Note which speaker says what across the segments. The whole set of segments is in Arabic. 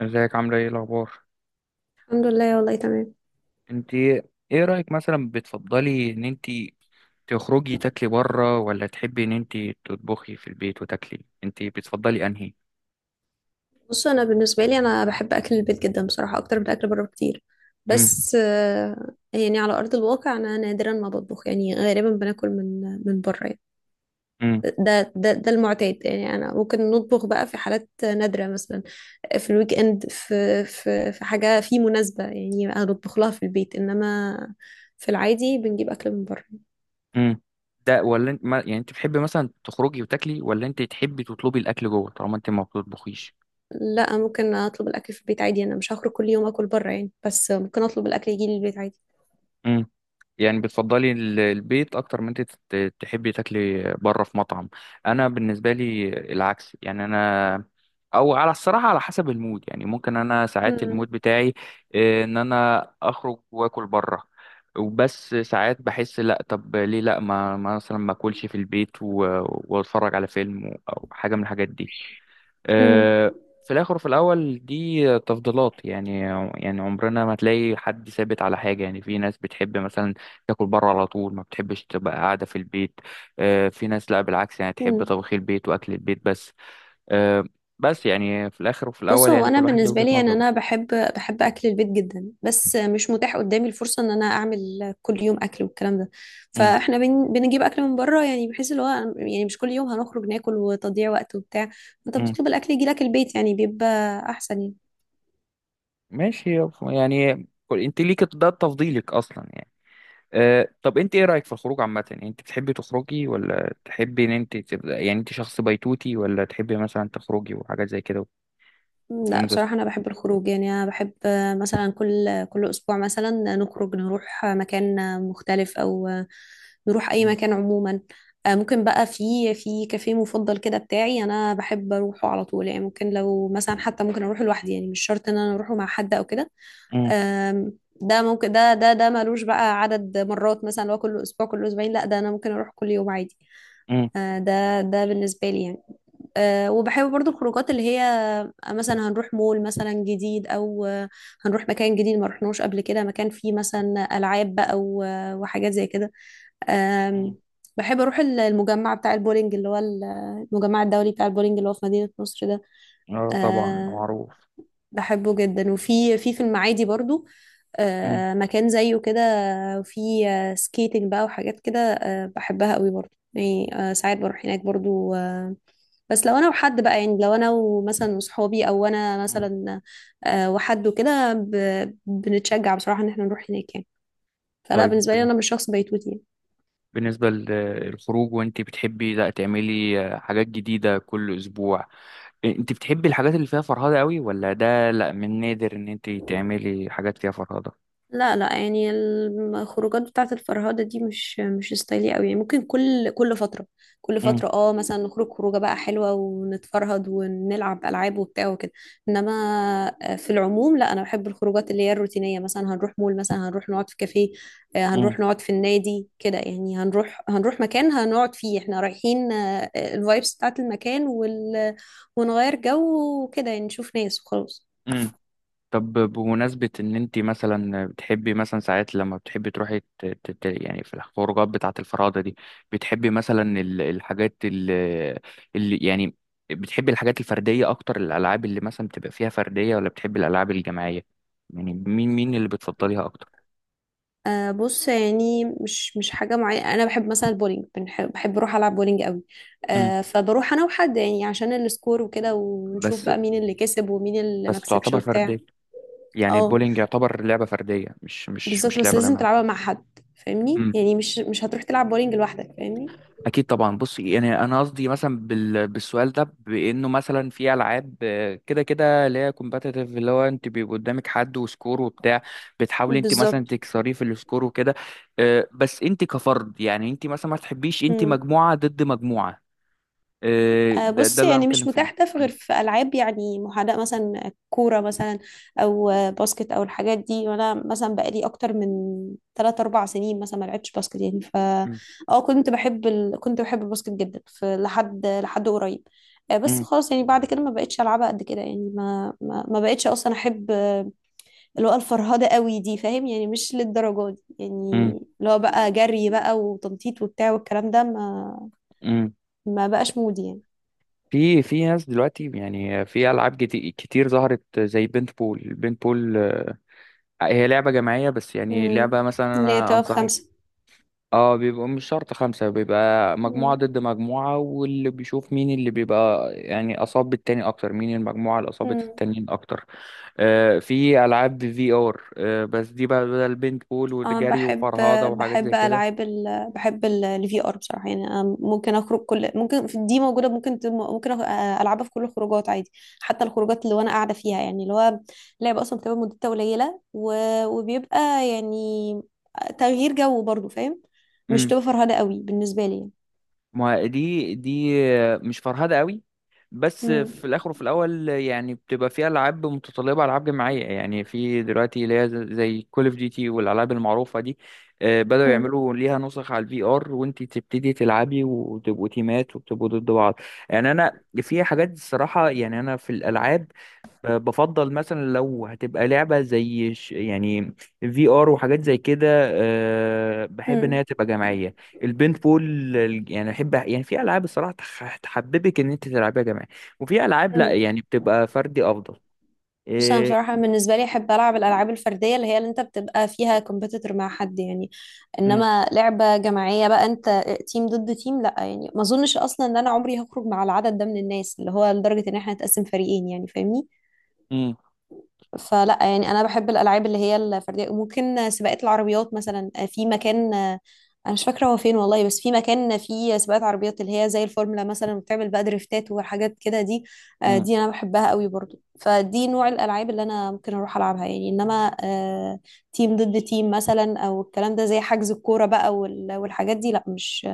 Speaker 1: ازيك عاملة ايه الأخبار؟
Speaker 2: الحمد لله، والله تمام.
Speaker 1: انت ايه رأيك مثلا بتفضلي ان انت تخرجي تاكلي بره ولا تحبي ان انت تطبخي في البيت وتاكلي؟ انت بتفضلي انهي؟
Speaker 2: بص، انا بالنسبه لي انا بحب اكل البيت جدا بصراحه، اكتر من اكل بره كتير.
Speaker 1: امم
Speaker 2: بس يعني على ارض الواقع انا نادرا ما بطبخ، يعني غالبا بناكل من بره يعني.
Speaker 1: امم
Speaker 2: ده المعتاد يعني. انا ممكن نطبخ بقى في حالات نادره، مثلا في الويك اند، في حاجه، في مناسبه، يعني انا بطبخ لها في البيت، انما في العادي بنجيب اكل من بره.
Speaker 1: امم ده ولا انت ما يعني انت بتحبي مثلا تخرجي وتاكلي ولا انت تحبي تطلبي الأكل جوه طالما انت ما بتطبخيش؟
Speaker 2: لا، ممكن اطلب الاكل في البيت عادي. انا مش هخرج كل يوم اكل بره يعني، بس ممكن اطلب الاكل يجي لي البيت عادي.
Speaker 1: يعني بتفضلي البيت اكتر من انت تحبي تاكلي بره في مطعم. انا بالنسبه لي العكس، يعني انا او على الصراحه على حسب المود، يعني ممكن انا ساعات المود بتاعي ان انا اخرج واكل بره. وبس ساعات بحس لا، طب ليه لا ما مثلا ما اكلش في البيت واتفرج على فيلم او حاجه من الحاجات دي.
Speaker 2: مم.
Speaker 1: في الاخر وفي الاول دي تفضيلات يعني. يعني عمرنا ما تلاقي حد ثابت على حاجه، يعني في ناس بتحب مثلا تاكل بره على طول ما بتحبش تبقى قاعده في البيت. في ناس لا، بالعكس، يعني تحب
Speaker 2: مم.
Speaker 1: طبخي البيت واكل البيت بس. آه، بس يعني في الاخر وفي
Speaker 2: بص،
Speaker 1: الاول
Speaker 2: هو
Speaker 1: يعني
Speaker 2: انا
Speaker 1: كل واحد ليه
Speaker 2: بالنسبه
Speaker 1: وجهه
Speaker 2: لي يعني
Speaker 1: نظره.
Speaker 2: انا بحب اكل البيت جدا. بس مش متاح قدامي الفرصه ان انا اعمل كل يوم اكل والكلام ده،
Speaker 1: مم.
Speaker 2: فاحنا بنجيب اكل من بره، يعني بحيث اللي هو يعني مش كل يوم هنخرج ناكل وتضييع وقت وبتاع. انت
Speaker 1: مم.
Speaker 2: بتطلب الاكل يجي لك البيت، يعني بيبقى احسن يعني.
Speaker 1: ماشي. يعني انت ليك ده تفضيلك اصلا يعني. أه، طب انت ايه رأيك في الخروج عامة؟ يعني انت بتحبي تخرجي ولا تحبي ان انت تبقى، يعني انت شخص بيتوتي، ولا تحبي مثلا تخرجي وحاجات زي كده
Speaker 2: لا،
Speaker 1: وتنبسطي؟
Speaker 2: بصراحة أنا بحب الخروج. يعني أنا بحب مثلا كل أسبوع مثلا نخرج نروح مكان مختلف، أو نروح أي
Speaker 1: مم.
Speaker 2: مكان عموما. ممكن بقى في كافيه مفضل كده بتاعي، أنا بحب أروحه على طول يعني. ممكن لو مثلا، حتى ممكن أروح لوحدي يعني، مش شرط إن أنا أروحه مع حد أو كده.
Speaker 1: مم.
Speaker 2: آم، ده ممكن، ده ملوش بقى عدد مرات، مثلا اللي هو كل أسبوع، كل أسبوعين، لا، ده أنا ممكن أروح كل يوم عادي.
Speaker 1: مم.
Speaker 2: ده بالنسبة لي يعني. وبحب برضو الخروجات اللي هي مثلا هنروح مول مثلا جديد، او هنروح مكان جديد ما رحناش قبل كده، مكان فيه مثلا العاب بقى وحاجات زي كده. آم،
Speaker 1: مم.
Speaker 2: بحب اروح المجمع بتاع البولينج، اللي هو المجمع الدولي بتاع البولينج اللي هو في مدينة نصر ده.
Speaker 1: اه طبعا
Speaker 2: آه،
Speaker 1: معروف.
Speaker 2: بحبه جدا. وفي في المعادي برضو
Speaker 1: مم.
Speaker 2: مكان زيه كده، في سكيتنج بقى وحاجات كده. بحبها قوي برضو يعني. ساعات بروح هناك برضو، بس لو انا وحد بقى، يعني لو انا ومثلا وصحابي، او انا
Speaker 1: مم.
Speaker 2: مثلا وحد وكده، بنتشجع بصراحة ان احنا نروح هناك يعني. فلا،
Speaker 1: طيب
Speaker 2: بالنسبة لي انا مش شخص بيتوتي يعني.
Speaker 1: بالنسبة للخروج، وانت بتحبي لا تعملي حاجات جديدة كل اسبوع، انت بتحبي الحاجات اللي فيها فرهدة قوي ولا ده لا من نادر ان انت تعملي حاجات فيها فرهدة؟
Speaker 2: لا لا، يعني الخروجات بتاعة الفرهدة دي مش ستايلي قوي يعني. ممكن كل فترة كل
Speaker 1: مم.
Speaker 2: فترة اه، مثلا نخرج خروجة بقى حلوة ونتفرهد ونلعب ألعاب وبتاع وكده. انما في العموم لا، انا بحب الخروجات اللي هي الروتينية، مثلا هنروح مول، مثلا هنروح نقعد في كافيه،
Speaker 1: مم.
Speaker 2: هنروح نقعد في النادي كده يعني، هنروح مكان هنقعد فيه احنا رايحين الفايبس بتاعة المكان وال، ونغير جو وكده، يعني نشوف ناس وخلاص.
Speaker 1: مم. طب بمناسبة إن أنت مثلا بتحبي مثلا ساعات لما بتحبي تروحي يعني في الخروجات بتاعة الفرادة دي، بتحبي مثلا الحاجات اللي يعني بتحبي الحاجات الفردية أكتر، الألعاب اللي مثلا بتبقى فيها فردية ولا بتحبي الألعاب الجماعية؟ يعني مين اللي بتفضليها أكتر؟
Speaker 2: أه، بص، يعني مش حاجة معينة. أنا بحب مثلا البولينج، بنحب بحب أروح ألعب بولينج قوي.
Speaker 1: مم.
Speaker 2: أه، فبروح أنا وحد يعني، عشان السكور وكده، ونشوف
Speaker 1: بس
Speaker 2: بقى مين اللي كسب ومين اللي ما
Speaker 1: بس
Speaker 2: كسبش
Speaker 1: تعتبر
Speaker 2: وبتاع.
Speaker 1: فردية. يعني
Speaker 2: اه
Speaker 1: البولينج يعتبر لعبة فردية، مش مش
Speaker 2: بالظبط،
Speaker 1: مش
Speaker 2: بس
Speaker 1: لعبة
Speaker 2: لازم
Speaker 1: جماعية.
Speaker 2: تلعبها مع حد فاهمني. يعني مش هتروح تلعب بولينج لوحدك فاهمني.
Speaker 1: اكيد طبعا. بص يعني انا قصدي مثلا بالسؤال ده بانه مثلا في العاب كده كده اللي هي كومباتيتيف، اللي هو انت بيبقى قدامك حد وسكور وبتاع، بتحاولي انت مثلا
Speaker 2: بالظبط.
Speaker 1: تكسريه في السكور وكده. بس انت كفرد، يعني انت مثلا ما تحبيش انت
Speaker 2: مم.
Speaker 1: مجموعة ضد مجموعة. ده
Speaker 2: بص،
Speaker 1: ده اللي انا
Speaker 2: يعني مش
Speaker 1: بتكلم
Speaker 2: متاح
Speaker 1: فيه.
Speaker 2: ده في غير في ألعاب يعني محاذاة، مثلا كورة مثلا، أو باسكت أو الحاجات دي. وأنا مثلا بقالي أكتر من تلات أربع سنين مثلا ما لعبتش باسكت يعني. ف
Speaker 1: م-
Speaker 2: اه، كنت بحب كنت بحب الباسكت جدا، في لحد قريب. بس
Speaker 1: م-
Speaker 2: خلاص يعني، بعد كده ما بقتش ألعبها قد كده يعني. ما بقتش أصلا أحب اللي هو الفرهدة قوي دي فاهم. يعني مش للدرجة دي
Speaker 1: م-
Speaker 2: يعني، اللي هو بقى جري بقى وتنطيط وبتاع والكلام ده، ما
Speaker 1: م- م.
Speaker 2: ما بقاش مودي يعني.
Speaker 1: في ناس دلوقتي، يعني في العاب كتير ظهرت زي بنت بول. هي لعبة جماعية، بس يعني
Speaker 2: امم.
Speaker 1: لعبة مثلا
Speaker 2: اللي هي
Speaker 1: أنا
Speaker 2: تواب
Speaker 1: أنصحك.
Speaker 2: خمسة.
Speaker 1: اه، بيبقى مش شرط خمسة، بيبقى مجموعة
Speaker 2: امم.
Speaker 1: ضد مجموعة، واللي بيشوف مين اللي بيبقى يعني أصاب التاني أكتر، مين المجموعة اللي أصابت
Speaker 2: امم.
Speaker 1: التانيين أكتر. في ألعاب VR، بس دي بقى بدل بينت بول
Speaker 2: اه،
Speaker 1: وجري
Speaker 2: بحب،
Speaker 1: وفرهاضة وحاجات زي كده.
Speaker 2: العاب بحب الفي ار بصراحه. يعني أنا ممكن اخرج كل، ممكن في دي موجوده، ممكن ممكن العبها في كل الخروجات عادي، حتى الخروجات اللي وانا قاعده فيها يعني. اللي هو لعبه اصلا بتبقى مدتها قليله و... وبيبقى يعني تغيير جو برضو فاهم، مش تبقى فرهده قوي بالنسبه لي يعني.
Speaker 1: ما دي مش فرهدة قوي. بس
Speaker 2: امم.
Speaker 1: في الاخر وفي الاول يعني بتبقى فيها العاب متطلبه العاب جماعيه، يعني في دلوقتي اللي هي زي كول اوف ديوتي والالعاب المعروفه دي. بداوا يعملوا ليها نسخ على الـVR، وانت تبتدي تلعبي وتبقوا تيمات وبتبقوا ضد بعض. يعني انا في حاجات الصراحه، يعني انا في الالعاب بفضل مثلا لو هتبقى لعبة زي يعني VR وحاجات زي كده، بحب ان
Speaker 2: امم.
Speaker 1: هي تبقى جماعية. البنت بول، يعني احب، يعني في العاب الصراحة تحببك ان انت تلعبها جماعي، وفي العاب لا
Speaker 2: امم.
Speaker 1: يعني بتبقى فردي افضل.
Speaker 2: بص، انا
Speaker 1: إيه.
Speaker 2: بصراحه بالنسبه لي احب العب الالعاب الفرديه، اللي هي اللي انت بتبقى فيها كومبيتيتور مع حد يعني.
Speaker 1: امم
Speaker 2: انما لعبه جماعيه بقى، انت تيم ضد تيم، لا يعني ما اظنش اصلا ان انا عمري هخرج مع العدد ده من الناس، اللي هو لدرجه ان احنا نتقسم فريقين يعني فاهمني.
Speaker 1: امم
Speaker 2: فلا يعني، انا بحب الالعاب اللي هي الفرديه. ممكن سباقات العربيات مثلا، في مكان انا مش فاكره هو فين والله، بس في مكان فيه سباقات عربيات اللي هي زي الفورمولا، مثلا بتعمل بقى دريفتات وحاجات كده دي.
Speaker 1: امم
Speaker 2: دي انا بحبها قوي برضو، فدي نوع الالعاب اللي انا ممكن اروح العبها يعني. انما تيم ضد تيم مثلا، او الكلام ده زي حجز الكوره بقى والحاجات دي، لا مش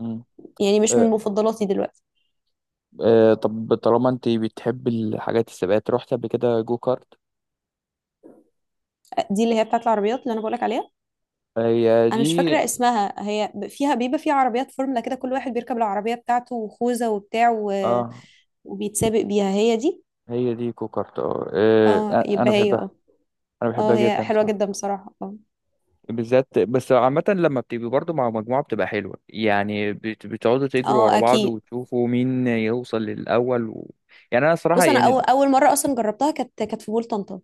Speaker 1: امم
Speaker 2: يعني مش من
Speaker 1: أه.
Speaker 2: مفضلاتي دلوقتي.
Speaker 1: أه، طب طالما انت بتحب الحاجات السباقات، رحت قبل كده جو كارت؟
Speaker 2: دي اللي هي بتاعت العربيات اللي انا بقولك عليها.
Speaker 1: هي
Speaker 2: انا مش
Speaker 1: دي.
Speaker 2: فاكره اسمها. هي فيها، بيبقى فيها عربيات فورمولا كده، كل واحد بيركب العربيه بتاعته وخوذه وبتاع
Speaker 1: اه
Speaker 2: وبيتسابق بيها. هي دي.
Speaker 1: هي دي جو كارت، اه.
Speaker 2: اه يبقى
Speaker 1: انا
Speaker 2: هي،
Speaker 1: بحبها.
Speaker 2: اه.
Speaker 1: انا
Speaker 2: اه
Speaker 1: بحبها
Speaker 2: هي
Speaker 1: جدا،
Speaker 2: حلوه
Speaker 1: صح.
Speaker 2: جدا بصراحه، اه.
Speaker 1: بالذات، بس عامة لما بتبقي برضه مع مجموعة بتبقى حلوة، يعني بتقعدوا تجروا ورا
Speaker 2: اه
Speaker 1: بعض
Speaker 2: اكيد.
Speaker 1: وتشوفوا مين يوصل للأول يعني أنا صراحة
Speaker 2: بص، انا
Speaker 1: يعني.
Speaker 2: اول مره اصلا جربتها، كانت في بول طنطا.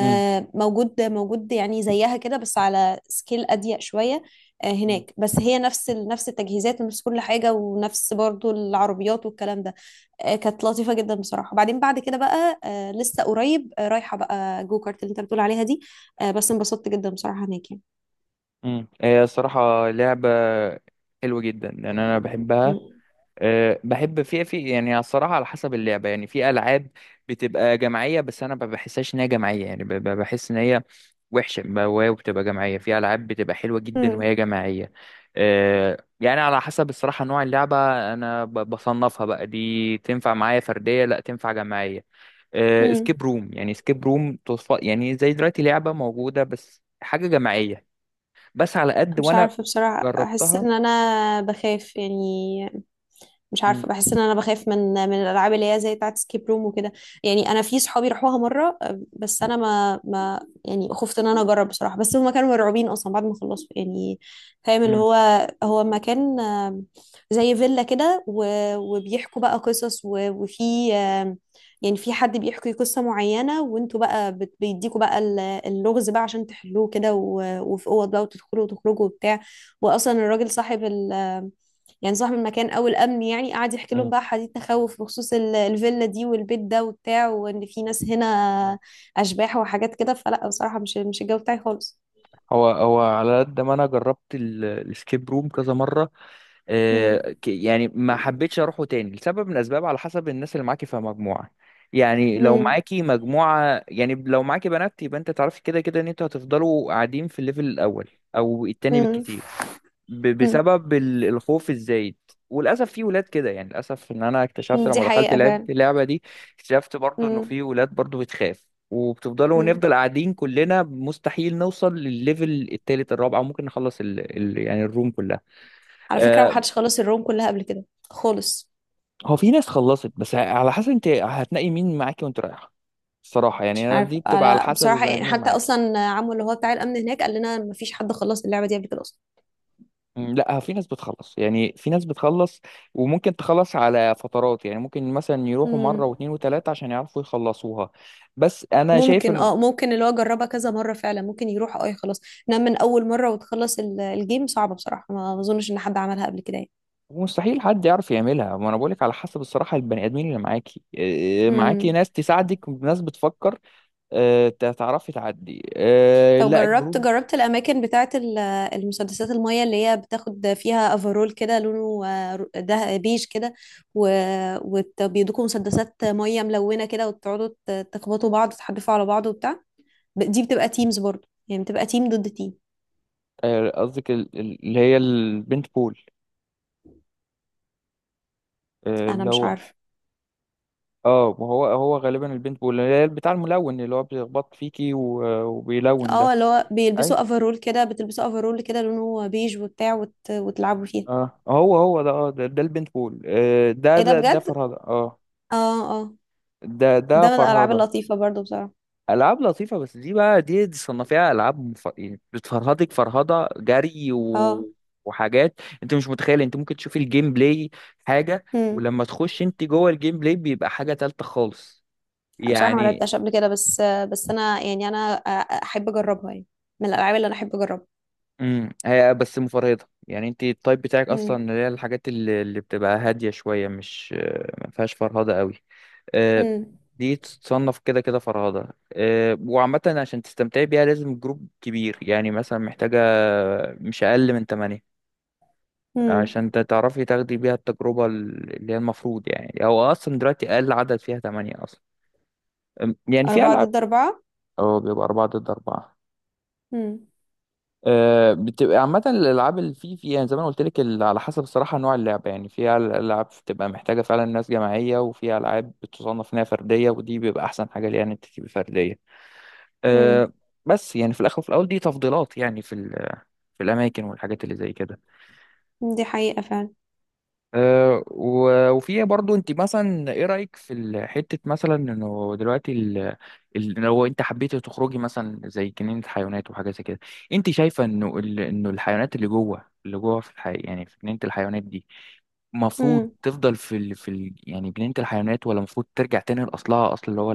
Speaker 1: مم.
Speaker 2: موجود موجود يعني زيها كده، بس على سكيل اضيق شويه. آه،
Speaker 1: مم.
Speaker 2: هناك، بس هي نفس التجهيزات ونفس كل حاجه، ونفس برضو العربيات والكلام ده. آه، كانت لطيفه جدا بصراحه. وبعدين بعد كده بقى آه، لسه قريب، آه، رايحه بقى جو كارت اللي انت بتقول عليها دي. آه، بس انبسطت جدا بصراحه هناك يعني.
Speaker 1: مم. هي الصراحة لعبة حلوة جدا، يعني أنا بحبها.
Speaker 2: مم.
Speaker 1: بحب في يعني الصراحة على حسب اللعبة. يعني في ألعاب بتبقى جماعية بس أنا ما بحسهاش إن هي جماعية، يعني بحس إن هي وحشة، وهي بتبقى جماعية، في ألعاب بتبقى حلوة جدا
Speaker 2: مم.
Speaker 1: وهي جماعية. يعني على حسب الصراحة نوع اللعبة. أنا بصنفها بقى، دي تنفع معايا فردية، لا تنفع جماعية.
Speaker 2: مم.
Speaker 1: اسكيب روم، يعني اسكيب روم تصف يعني زي دلوقتي لعبة موجودة بس حاجة جماعية، بس على قد
Speaker 2: مش
Speaker 1: وأنا
Speaker 2: عارفه بصراحه، احس
Speaker 1: جربتها.
Speaker 2: ان انا بخاف يعني. مش
Speaker 1: مم.
Speaker 2: عارفه، بحس ان انا بخاف من الالعاب اللي هي زي بتاعه سكيب روم وكده. يعني انا في صحابي راحوها مره، بس انا ما يعني خفت ان انا اجرب بصراحه. بس هما كانوا مرعوبين اصلا بعد ما خلصوا يعني. فاهم اللي
Speaker 1: مم.
Speaker 2: هو هو مكان زي فيلا كده، وبيحكوا بقى قصص وفي يعني في حد بيحكي قصة معينة، وانتوا بقى بيديكوا بقى اللغز بقى عشان تحلوه كده، وفي اوض بقى وتدخلوا وتخرجوا وبتاع. واصلا الراجل صاحب ال، يعني صاحب المكان او الامن يعني، قعد يحكي لهم بقى حديث تخوف بخصوص الفيلا دي والبيت ده وبتاع، وان في ناس هنا
Speaker 1: مم.
Speaker 2: اشباح وحاجات كده. فلا بصراحه، مش الجو بتاعي خالص.
Speaker 1: هو هو على قد ما انا جربت الاسكيب روم كذا مره،
Speaker 2: مم.
Speaker 1: يعني ما حبيتش اروحه تاني لسبب من الاسباب على حسب الناس اللي معاكي في مجموعه. يعني لو
Speaker 2: مم.
Speaker 1: معاكي مجموعه، يعني لو معاكي بنات يبقى انت تعرفي كده كده ان انتوا هتفضلوا قاعدين في الليفل الاول او التاني
Speaker 2: مم.
Speaker 1: بالكتير،
Speaker 2: مم.
Speaker 1: بسبب الخوف الزايد. وللاسف في ولاد كده يعني، للاسف ان انا اكتشفت
Speaker 2: مم. دي
Speaker 1: لما دخلت
Speaker 2: حقيقه فعلا.
Speaker 1: لعبت اللعبه دي، اكتشفت برضو انه
Speaker 2: مم.
Speaker 1: في ولاد برضو بتخاف، وبتفضلوا
Speaker 2: مم.
Speaker 1: ونفضل قاعدين كلنا، مستحيل نوصل للليفل التالت الرابع، وممكن نخلص يعني الروم كلها.
Speaker 2: على فكره، ما
Speaker 1: آه
Speaker 2: حدش خلص الروم كلها قبل كده خالص.
Speaker 1: هو في ناس خلصت، بس على حسب انت هتنقي مين معاكي وانت رايحه. الصراحه
Speaker 2: مش
Speaker 1: يعني أنا دي
Speaker 2: عارفه
Speaker 1: بتبقى على
Speaker 2: انا
Speaker 1: حسب
Speaker 2: بصراحه
Speaker 1: البني
Speaker 2: يعني.
Speaker 1: ادمين اللي
Speaker 2: حتى
Speaker 1: معاكي.
Speaker 2: اصلا عمو اللي هو بتاع الامن هناك قال لنا ما فيش حد خلص اللعبه دي قبل كده اصلا.
Speaker 1: مم. لا، في ناس بتخلص، يعني في ناس بتخلص وممكن تخلص على فترات. يعني ممكن مثلا يروحوا
Speaker 2: مم.
Speaker 1: مرة واثنين وثلاثة عشان يعرفوا يخلصوها. بس انا شايف
Speaker 2: ممكن
Speaker 1: انه
Speaker 2: اه، ممكن اللي هو جربها كذا مرة فعلا ممكن يروح، اه خلاص. انما من اول مرة وتخلص الجيم صعبة بصراحة، ما اظنش ان حد عملها قبل كده يعني.
Speaker 1: مستحيل حد يعرف يعملها. ما انا بقولك على حسب الصراحة البني ادمين اللي معاكي إيه، معاكي
Speaker 2: امم.
Speaker 1: ناس تساعدك، ناس بتفكر، تعرفي تعدي.
Speaker 2: طب،
Speaker 1: لا الجروب.
Speaker 2: جربت الاماكن بتاعة المسدسات المية اللي هي بتاخد فيها افرول كده لونه ده بيج كده، وبيدوكوا مسدسات مية ملونة كده، وتقعدوا تخبطوا بعض، تحدفوا على بعض وبتاع. دي بتبقى تيمز برضو، يعني بتبقى تيم ضد تيم.
Speaker 1: قصدك اللي هي البنت بول.
Speaker 2: انا
Speaker 1: اللي
Speaker 2: مش
Speaker 1: هو.
Speaker 2: عارفة.
Speaker 1: اه، ما هو هو غالبا البنت بول اللي هي بتاع الملون، اللي هو بيخبط فيكي وبيلون
Speaker 2: اه،
Speaker 1: ده.
Speaker 2: اللي هو بيلبسوا
Speaker 1: أيوة.
Speaker 2: افرول كده، بتلبسوا افرول كده لونه بيج وبتاع، وتلعبوا فيها.
Speaker 1: اه هو ده، البنت بول. آه ده
Speaker 2: ايه ده
Speaker 1: ده ده
Speaker 2: بجد.
Speaker 1: فرهدة، اه.
Speaker 2: اه اه،
Speaker 1: ده
Speaker 2: ده من الالعاب
Speaker 1: فرهدة.
Speaker 2: اللطيفه برضو بصراحه.
Speaker 1: ألعاب لطيفة، بس دي بقى، دي صنفيها ألعاب يعني بتفرهدك فرهدة جري
Speaker 2: اه.
Speaker 1: وحاجات أنت مش متخيل. أنت ممكن تشوف الجيم بلاي حاجة،
Speaker 2: امم.
Speaker 1: ولما تخش أنت جوه الجيم بلاي بيبقى حاجة تالتة خالص
Speaker 2: بصراحه ما لعبتهاش
Speaker 1: يعني.
Speaker 2: قبل كده، بس بس انا يعني انا احب اجربها يعني. من الالعاب اللي انا احب اجربها.
Speaker 1: هي بس مفرهدة، يعني أنت التايب بتاعك أصلا
Speaker 2: امم.
Speaker 1: اللي هي الحاجات اللي بتبقى هادية شوية، مش ما فيهاش فرهدة قوي.
Speaker 2: امم.
Speaker 1: دي تصنف كده كده فرهدة. وعامة عشان تستمتعي بيها لازم جروب كبير، يعني مثلا محتاجة مش أقل من تمانية
Speaker 2: امم.
Speaker 1: عشان تعرفي تاخدي بيها التجربة اللي هي المفروض. يعني هو أصلا دلوقتي أقل عدد فيها تمانية أصلا. يعني في
Speaker 2: اربعه
Speaker 1: ألعاب.
Speaker 2: ضد اربعه
Speaker 1: اه بيبقى أربعة ضد أربعة.
Speaker 2: امم.
Speaker 1: بتبقى عامة الألعاب اللي في يعني زي ما أنا قلت لك، على حسب الصراحة نوع اللعبة. يعني في ألعاب بتبقى محتاجة فعلا ناس جماعية، وفي ألعاب بتصنف إنها فردية، ودي بيبقى أحسن حاجة ليها إن أنت تبقي فردية.
Speaker 2: امم.
Speaker 1: آه، بس يعني في الاخر وفي الاول دي تفضيلات، يعني في الاماكن والحاجات اللي زي كده.
Speaker 2: دي حقيقه
Speaker 1: وفي برضو انت مثلا ايه رايك في حته مثلا، انه دلوقتي لو انت حبيتي تخرجي مثلا زي جنينه حيوانات وحاجه زي كده، انت شايفه انه انه الحيوانات اللي جوه في يعني في جنينه الحيوانات دي، المفروض
Speaker 2: فعلا.
Speaker 1: تفضل يعني جنينه الحيوانات، ولا المفروض ترجع تاني لاصلها، اصل اللي هو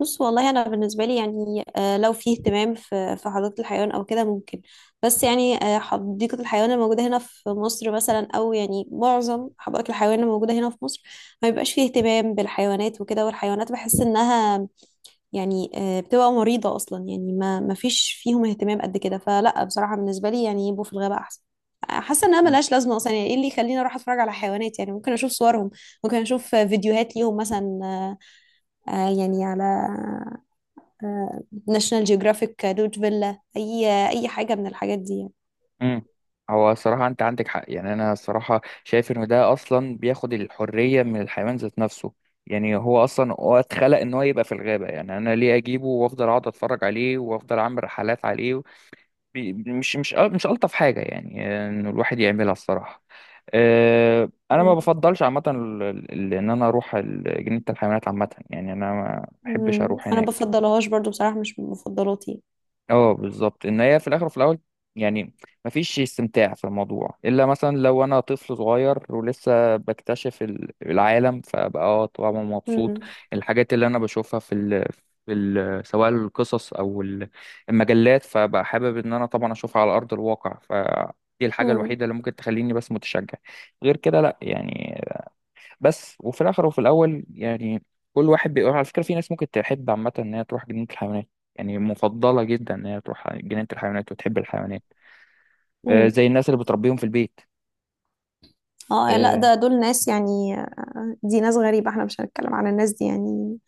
Speaker 2: بص والله، انا بالنسبه لي يعني لو في اهتمام في حديقه الحيوان او كده، ممكن. بس يعني حديقه الحيوان الموجوده هنا في مصر مثلا، او يعني معظم
Speaker 1: الغابه؟
Speaker 2: حدائق الحيوان الموجوده هنا في مصر، ما بيبقاش فيه اهتمام بالحيوانات وكده، والحيوانات بحس انها يعني بتبقى مريضه اصلا يعني، ما فيش فيهم اهتمام قد كده. فلا بصراحه بالنسبه لي يعني، يبقوا في الغابه احسن. حاسه انها ملهاش لازمه اصلا يعني. ايه اللي يخليني اروح اتفرج على حيوانات يعني؟ ممكن اشوف صورهم، ممكن اشوف فيديوهات ليهم مثلا يعني على ناشونال جيوغرافيك روت فيلا، اي اي حاجه من الحاجات دي يعني.
Speaker 1: امم هو الصراحة أنت عندك حق. يعني أنا الصراحة شايف إنه ده أصلا بياخد الحرية من الحيوان ذات نفسه. يعني هو أصلا هو اتخلق إن هو يبقى في الغابة. يعني أنا ليه أجيبه وأفضل أقعد أتفرج عليه وأفضل أعمل رحلات عليه؟ مش مش ألطف حاجة يعني، إنه الواحد يعملها الصراحة. أه، أنا ما
Speaker 2: مم.
Speaker 1: بفضلش عامة إن أنا أروح جنينة الحيوانات عامة. يعني أنا ما بحبش
Speaker 2: مم.
Speaker 1: أروح
Speaker 2: انا
Speaker 1: هناك.
Speaker 2: بفضلهاش برضو بصراحه، مش من مفضلاتي.
Speaker 1: اه بالظبط. ان هي في الاخر وفي الاول، يعني مفيش استمتاع في الموضوع الا مثلا لو انا طفل صغير ولسه بكتشف العالم، فبقى اه طبعا مبسوط
Speaker 2: مم.
Speaker 1: الحاجات اللي انا بشوفها سواء القصص او المجلات، فبقى حابب ان انا طبعا اشوفها على ارض الواقع. فدي الحاجة
Speaker 2: مم.
Speaker 1: الوحيدة اللي ممكن تخليني بس متشجع. غير كده لا يعني. بس وفي الاخر وفي الاول يعني كل واحد بيقول. على فكره في ناس ممكن تحب عامه ان هي تروح جنينه الحيوانات، يعني مفضله جدا ان هي تروح جنينه الحيوانات وتحب الحيوانات.
Speaker 2: مم.
Speaker 1: زي الناس اللي بتربيهم في البيت.
Speaker 2: اه لا،
Speaker 1: آه،
Speaker 2: ده دول ناس يعني دي ناس غريبة، احنا مش هنتكلم عن الناس دي يعني.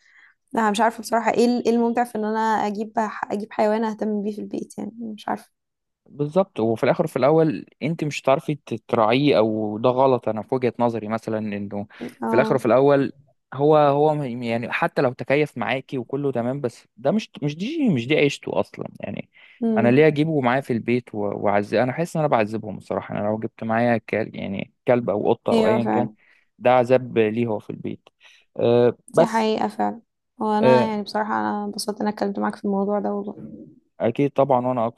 Speaker 2: لا، انا مش عارفة بصراحة ايه إيه الممتع في ان انا اجيب حيوان اهتم بيه في البيت يعني؟ مش عارفة.
Speaker 1: بالظبط، وفي الاخر وفي الاول انت مش هتعرفي تراعيه، او ده غلط. انا في وجهة نظري مثلا انه في الاخر
Speaker 2: اه.
Speaker 1: وفي الاول، هو هو يعني حتى لو تكيف معاكي وكله تمام، بس ده مش دي، مش دي عيشته اصلا. يعني انا ليه
Speaker 2: مم.
Speaker 1: اجيبه معايا في البيت واعذب؟ انا حاسس ان انا بعذبهم الصراحه. انا لو جبت معايا كلب، يعني كلب او قطه او
Speaker 2: ايوه
Speaker 1: ايا كان،
Speaker 2: فعلا.
Speaker 1: ده عذاب ليه، هو في البيت. أه
Speaker 2: دي
Speaker 1: بس.
Speaker 2: حقيقة فعلا. وانا
Speaker 1: أه
Speaker 2: يعني بصراحة انا انبسطت ان انا اتكلمت معاك في الموضوع ده والله.
Speaker 1: اكيد طبعا، وانا